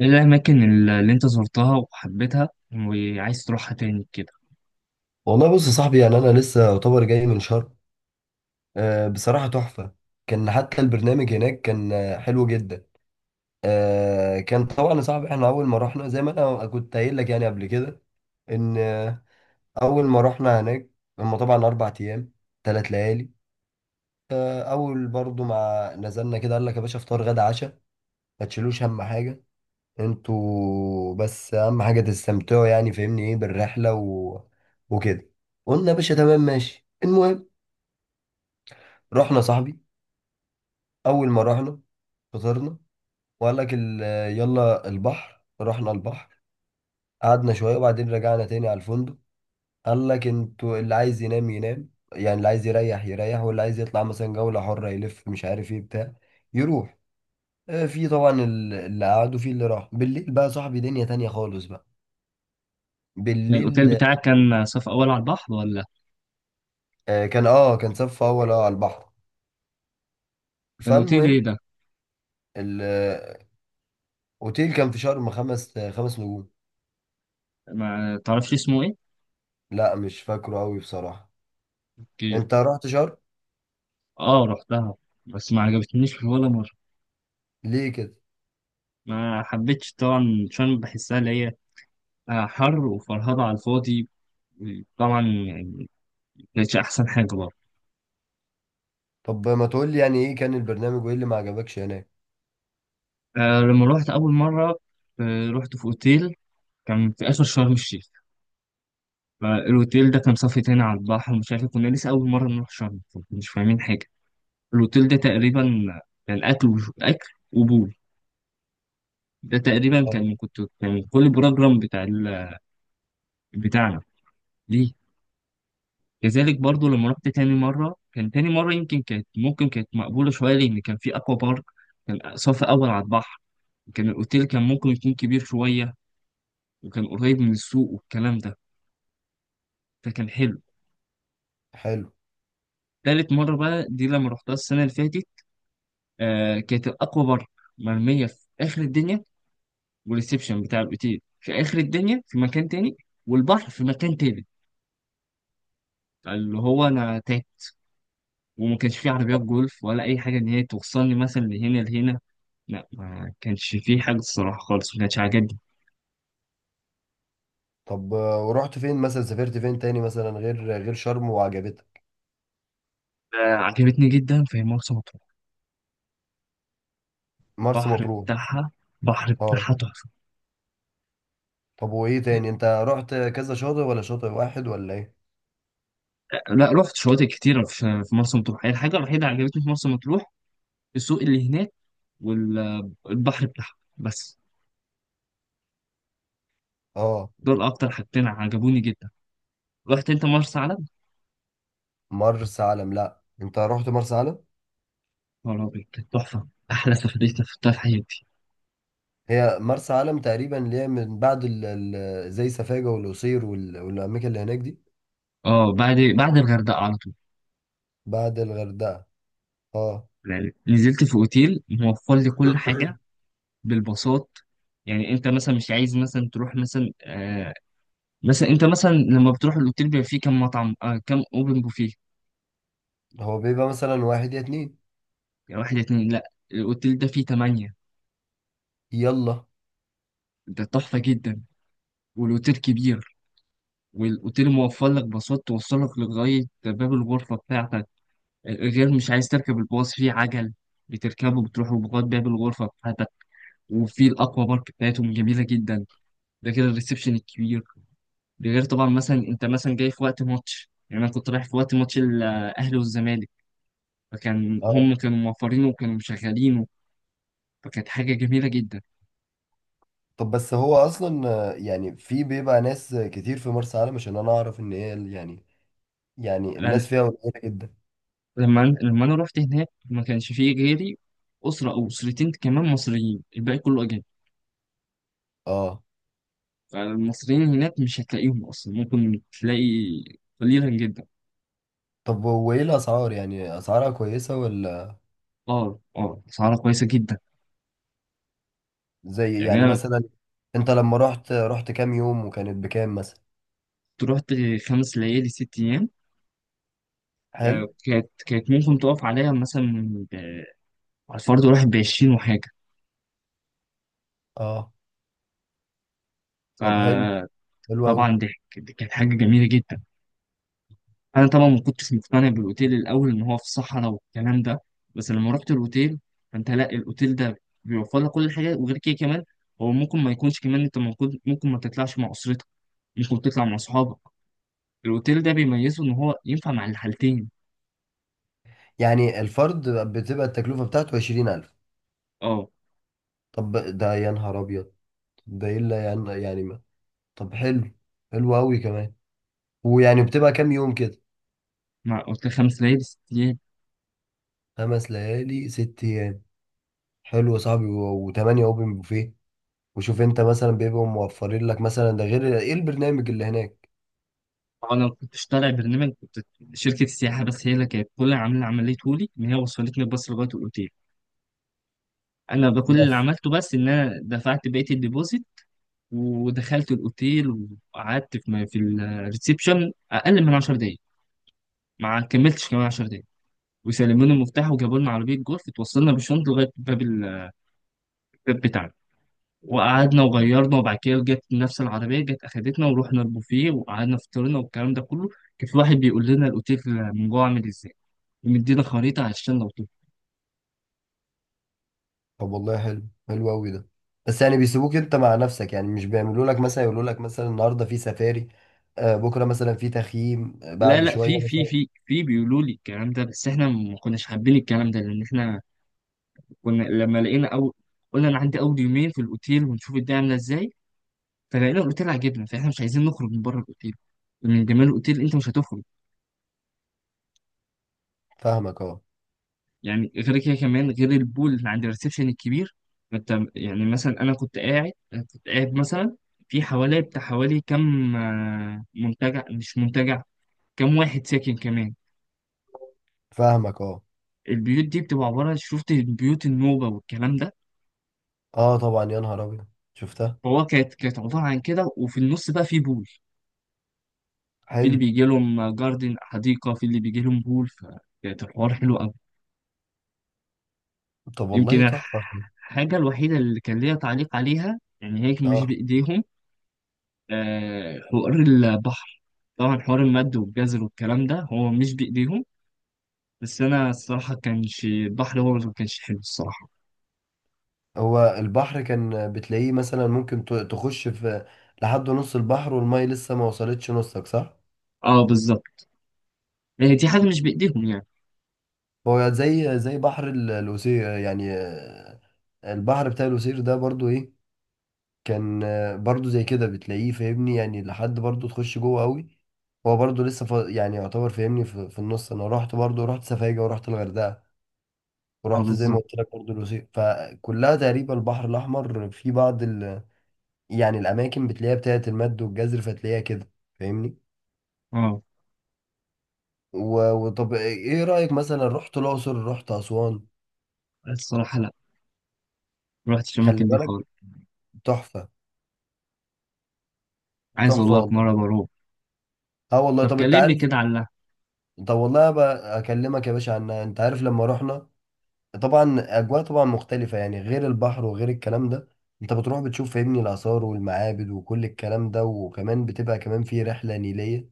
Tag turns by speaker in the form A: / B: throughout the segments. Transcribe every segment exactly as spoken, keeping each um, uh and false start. A: ايه الاماكن اللي اللي انت زرتها وحبيتها وعايز تروحها تاني كده؟
B: والله بص يا صاحبي، يعني انا لسه يعتبر جاي من شرم. آه، بصراحه تحفه. كان حتى البرنامج هناك كان آه، حلو جدا. آه، كان طبعا يا صاحبي، احنا اول ما رحنا زي ما انا كنت قايل لك يعني قبل كده، ان آه، اول ما رحنا هناك. هم طبعا اربع ايام ثلاث ليالي. آه، اول برضو ما نزلنا كده، قال لك يا باشا فطار غدا عشاء ما تشيلوش اهم حاجه، انتوا بس اهم حاجه تستمتعوا، يعني فاهمني ايه بالرحله و... وكده. قلنا يا باشا تمام ماشي. المهم رحنا يا صاحبي، اول ما رحنا فطرنا، وقال لك ال- يلا البحر. رحنا البحر، قعدنا شويه وبعدين رجعنا تاني على الفندق. قال لك انتوا اللي عايز ينام ينام، يعني اللي عايز يريح يريح، واللي عايز يطلع مثلا جوله حره يلف مش عارف ايه بتاع يروح. آه، في طبعا ال- اللي قعد وفي اللي راح بالليل، بقى صاحبي دنيا تانية خالص بقى
A: الاوتيل
B: بالليل.
A: بتاعك كان صف اول على البحر ولا؟
B: آه، كان اه كان صف اول اه على البحر.
A: كان اوتيل ايه
B: فالمهم
A: ده؟
B: الاوتيل كان في شرم خمس آه، خمس نجوم.
A: ما تعرفش اسمه ايه؟
B: لا مش فاكره قوي بصراحه.
A: اوكي.
B: انت رحت شرم؟
A: اه، رحتها، بس ما عجبتنيش ولا مره.
B: ليه كده؟
A: ما حبيتش طبعا عشان بحسها اللي هي آه، حر وفرهضه على الفاضي، طبعا يعني. كانتش احسن حاجه برضه.
B: طب ما تقول لي يعني ايه كان البرنامج وايه اللي ما عجبكش هناك.
A: آه، لما روحت اول مره، آه، رحت في اوتيل كان في اخر شرم الشيخ. فالاوتيل ده كان صافي تاني على البحر، مش عارف، كنا لسه اول مره نروح شرم، مش فاهمين حاجه. الأوتيل ده تقريبا كان أكل وش- أكل وبول. ده تقريبا
B: آه.
A: كان كنت كان كل بروجرام بتاع ال... بتاعنا. ليه؟ كذلك برضو لما رحت تاني مرة، كان تاني مرة يمكن كانت ممكن كانت مقبولة شوية لأن كان في أكوا بارك، كان صف أول على البحر، كان الأوتيل كان ممكن يكون كبير شوية، وكان قريب من السوق والكلام ده، فكان حلو.
B: حلو.
A: تالت مرة بقى دي لما رحتها السنة اللي فاتت، آه كانت الأكوا بارك مرمية في آخر الدنيا، والريسبشن بتاع الاوتيل في اخر الدنيا في مكان تاني، والبحر في مكان تالت، اللي هو انا تاهت، وما كانش فيه عربيات جولف ولا اي حاجه ان هي توصلني مثلا لهنا لهنا. لا، ما كانش فيه حاجه الصراحه خالص، ما كانتش عاجبني.
B: طب آه، ورحت فين مثلا؟ سافرت فين تاني مثلا غير غير شرم وعجبتك؟
A: آه، عجبتني جدا في مرسى مطروح،
B: مرسى
A: البحر
B: مطروح.
A: بتاعها، بحر
B: اه.
A: بتاعها تحفه.
B: طب وايه تاني؟ انت رحت كذا شاطئ ولا شاطئ واحد ولا ايه؟
A: لا، رحت شواطئ كتيره في في مرسى مطروح، هي الحاجه الوحيده اللي عجبتني في مرسى مطروح السوق اللي هناك، والبحر بتاعها بس.
B: اه.
A: دول اكتر حاجتين عجبوني جدا. رحت انت مرسى علم؟
B: مرسى علم، لا انت رحت مرسى علم.
A: خرابي، كانت تحفة، أحلى سفرية سافرتها في حياتي.
B: هي مرسى علم تقريبا اللي هي من بعد ال ال زي سفاجة والقصير وال- والاماكن اللي هناك دي.
A: اه، بعد بعد الغردقة على طول.
B: بعد الغردقة. اه.
A: يعني نزلت في أوتيل موفر لي كل حاجة بالبساط. يعني أنت مثلا مش عايز مثلا تروح مثلا آه مثلا أنت مثلا لما بتروح الأوتيل بيبقى فيه كام مطعم، آه كام أوبن بوفيه.
B: هو بيبقى مثلا واحد يا اتنين.
A: يعني واحد اتنين، لأ الأوتيل ده فيه تمانية،
B: يلا.
A: ده تحفة جدا. والأوتيل كبير، والأوتيل موفر لك باصات توصلك لغاية باب الغرفة بتاعتك، غير مش عايز تركب الباص فيه عجل بتركبه بتروحوا لغاية باب الغرفة بتاعتك. وفي الاكوا بارك بتاعتهم جميله جدا، ده غير الريسبشن الكبير، ده غير طبعا مثلا انت مثلا جاي في وقت ماتش، يعني انا كنت رايح في وقت ماتش الاهلي والزمالك، فكان
B: اه.
A: هم كانوا موفرينه وكانوا مشغلينه، فكانت حاجه جميله جدا.
B: طب بس هو اصلا آه، يعني في بيبقى ناس كتير في مرسى علم؟ عشان انا اعرف ان هي ال- يعني، يعني
A: لأن-
B: الناس فيها قليله جدا.
A: لما أنا- لما انا رحت هناك ما كانش فيه غيري، اسره او اسرتين كمان مصريين، الباقي كله اجانب.
B: اه.
A: فالمصريين هناك مش هتلاقيهم اصلا، ممكن تلاقي قليلا جدا.
B: طب وايه الاسعار؟ يعني اسعارها كويسه ولا؟
A: اه، اه، اسعارها كويسه جدا.
B: زي
A: يعني
B: يعني
A: انا
B: مثلا، انت لما رحت، رحت كام يوم وكانت بكام مثلا؟
A: رحت خمس ليالي ست ايام.
B: حلو.
A: آه، كانت كانت ممكن تقف عليها مثلا ب- على الفرد الواحد بعشرين وحاجة.
B: اه. طب حلو
A: فطبعا،
B: حلو قوي.
A: ضحك دي كانت حاجة جميلة جدا. أنا طبعا ما كنتش مقتنع بالأوتيل الأول إن هو في الصحراء والكلام ده، بس لما رحت الأوتيل، فأنت لا الأوتيل ده بيوفر لك كل حاجة، وغير كده كمان هو ممكن ما يكونش، كمان أنت ممكن ممكن ما تطلعش مع أسرتك، ممكن تطلع مع أصحابك. الأوتيل ده بيميزه إن هو ينفع مع الحالتين.
B: يعني الفرد بتبقى التكلفه بتاعته عشرين ألف؟
A: أه،
B: طب ده يا نهار ابيض، ده الا يعني يعني ما. طب حلو حلو قوي كمان. ويعني بتبقى كام يوم كده؟
A: مع أوتيل خمس ليالي ست ليالي.
B: خمس ليالي ست. حلو يا صاحبي. وتمانية اوبن بوفيه، وشوف انت مثلا بيبقوا موفرين لك مثلا ده غير ايه البرنامج اللي هناك.
A: هو انا ما كنتش طالع برنامج، كنت شركه السياحه بس هي اللي كانت كل اللي عامله عمليه لي ان هي وصلتني الباص لغايه الاوتيل. انا بقى كل اللي
B: بس.
A: عملته بس ان انا دفعت بقيه الديبوزيت، ودخلت الاوتيل وقعدت في في الريسبشن اقل من عشر دقائق. ما كملتش كمان عشر دقائق وسلموني المفتاح، وجابوا لنا عربيه جولف اتوصلنا بالشنطه لغايه باب ال- الباب بتاعنا. وقعدنا وغيرنا، وبعد كده جت نفس العربيه، جت اخدتنا ورحنا البوفيه، وقعدنا فطرنا والكلام ده كله. كان في واحد بيقول لنا الاوتيل من جوه عامل ازاي، مدينا خريطة عشان لو طفل.
B: طب والله حلو حلو قوي ده. بس يعني بيسيبوك انت مع نفسك؟ يعني مش بيعملوا لك مثلا، يقولوا لك مثلا النهارده في سفاري، آه بكره مثلا في تخييم، آه،
A: لا
B: بعد
A: لا،
B: شويه
A: في في
B: مثلا.
A: في في بيقولوا لي الكلام ده، بس احنا ما كناش حابين الكلام ده لان احنا كنا لما لقينا، او قلنا انا عندي اول يومين في الاوتيل ونشوف الدنيا عامله ازاي. فلقينا الاوتيل عجبنا، فاحنا مش عايزين نخرج من بره الاوتيل، من جمال الاوتيل انت مش هتخرج.
B: فاهمك اه.
A: يعني غير كده كمان، غير البول اللي عند الريسبشن الكبير، انت يعني مثلا انا كنت قاعد أنا كنت قاعد مثلا في حوالي بتاع حوالي كم، آه، منتجع مش منتجع، كم واحد ساكن كمان.
B: فاهمك اه.
A: البيوت دي بتبقى عبارة، شفت البيوت النوبة والكلام ده،
B: اه طبعا يا نهار ابيض، شفتها.
A: فهو كانت كانت عبارة عن كده، وفي النص بقى في بول، في اللي
B: حلو.
A: بيجي لهم جاردن حديقة، في اللي بيجي لهم بول، فكانت الحوار حلو أوي.
B: طب
A: يمكن
B: والله تحفه.
A: الحاجة الوحيدة اللي كان ليا تعليق عليها يعني هيك مش
B: اه.
A: بإيديهم، آه، حوار البحر، طبعا حوار المد والجزر والكلام ده هو مش بإيديهم، بس أنا الصراحة كانش البحر هو اللي ما كانش حلو الصراحة.
B: هو البحر كان بتلاقيه مثلا ممكن ت- تخش في لحد نص البحر والميه لسه ما وصلتش نصك، صح؟
A: اه، بالظبط، هي دي حاجة مش بإيديهم يعني.
B: هو زي زي بحر ال- القصير يعني. آه، البحر بتاع القصير ده برضو ايه، كان آه، برضو زي كده بتلاقيه فاهمني، يعني لحد برضو تخش جوه قوي. هو برضو لسه ف... يعني يعتبر فاهمني في... في النص. انا رحت برضو، رحت سفاجة ورحت الغردقة،
A: اه،
B: ورحت زي ما
A: بالظبط.
B: قلت لك برضو القصير، فكلها تقريبا البحر الاحمر في بعض ال... يعني الاماكن بتلاقيها بتاعت المد والجزر فتلاقيها كده فاهمني.
A: اه،
B: و... وطب ايه رأيك مثلا، رحت الاقصر، رحت اسوان؟
A: الصراحة لا، ما رحتش
B: خلي
A: الأماكن دي
B: بالك،
A: خالص،
B: تحفة.
A: عايز
B: تحفة
A: والله
B: والله.
A: في مرة بروح.
B: اه والله.
A: طب
B: طب انت
A: كلمني
B: عارف.
A: كده عن اللحم.
B: طب والله بقى اكلمك يا باشا عنها. انت عارف لما رحنا، طبعا اجواء طبعا مختلفة يعني، غير البحر وغير الكلام ده، انت بتروح بتشوف فاهمني الاثار والمعابد وكل الكلام ده، وكمان بتبقى كمان في رحلة نيلية.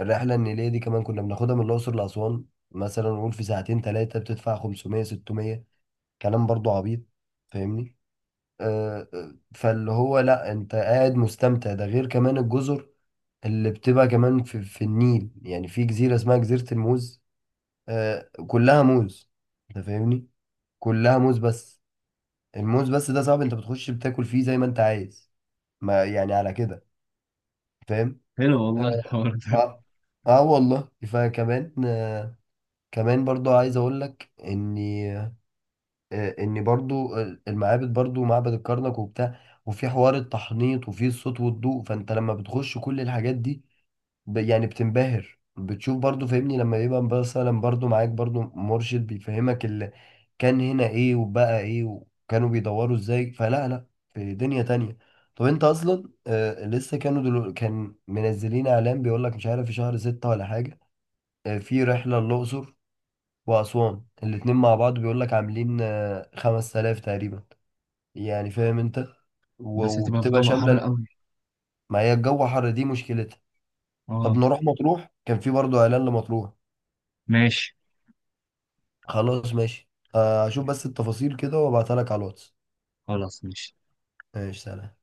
B: الرحلة النيلية دي كمان كنا بناخدها من الاقصر لاسوان. مثلا نقول في ساعتين ثلاثة، بتدفع خمسمية ستمية، كلام برضو عبيط فاهمني. آه آه، فاللي هو لا، انت قاعد مستمتع، ده غير كمان الجزر اللي بتبقى كمان في, في النيل. يعني في جزيرة اسمها جزيرة الموز، آه كلها موز انت فاهمني، كلها موز بس، الموز بس ده صعب، انت بتخش بتاكل فيه زي ما انت عايز، ما يعني على كده، فاهم.
A: حلو
B: اه.
A: والله الحوار ده.
B: اه. آه والله فكمان، آه كمان برضو عايز اقول لك اني آه اني برضو آه، المعابد برضو، معبد الكرنك وبتاع، وفي حوار التحنيط وفي الصوت والضوء. فانت لما بتخش كل الحاجات دي، ب- يعني بتنبهر، بتشوف برضو فاهمني لما يبقى مثلا برضو معاك برضو مرشد بيفهمك اللي كان هنا ايه وبقى ايه وكانوا بيدوروا ازاي، فلا لا، في دنيا تانية. طب انت اصلا آه لسه كانوا دلو... كان منزلين اعلان بيقول لك مش عارف في شهر ستة ولا حاجة، آه في رحلة للأقصر وأسوان الاتنين مع بعض، بيقول لك عاملين آه خمسة آلاف تقريبا يعني فاهم انت، و-
A: بس هتبقى في
B: وبتبقى
A: جو
B: شاملة
A: حر
B: ال-
A: قوي.
B: ما هي الجو حر دي مشكلتها. طب
A: اه،
B: نروح مطروح، كان في برضو اعلان لمطروح.
A: ماشي.
B: خلاص ماشي. آه، هشوف بس التفاصيل كده وابعتها لك على الواتس.
A: خلاص ماشي.
B: ماشي سلام.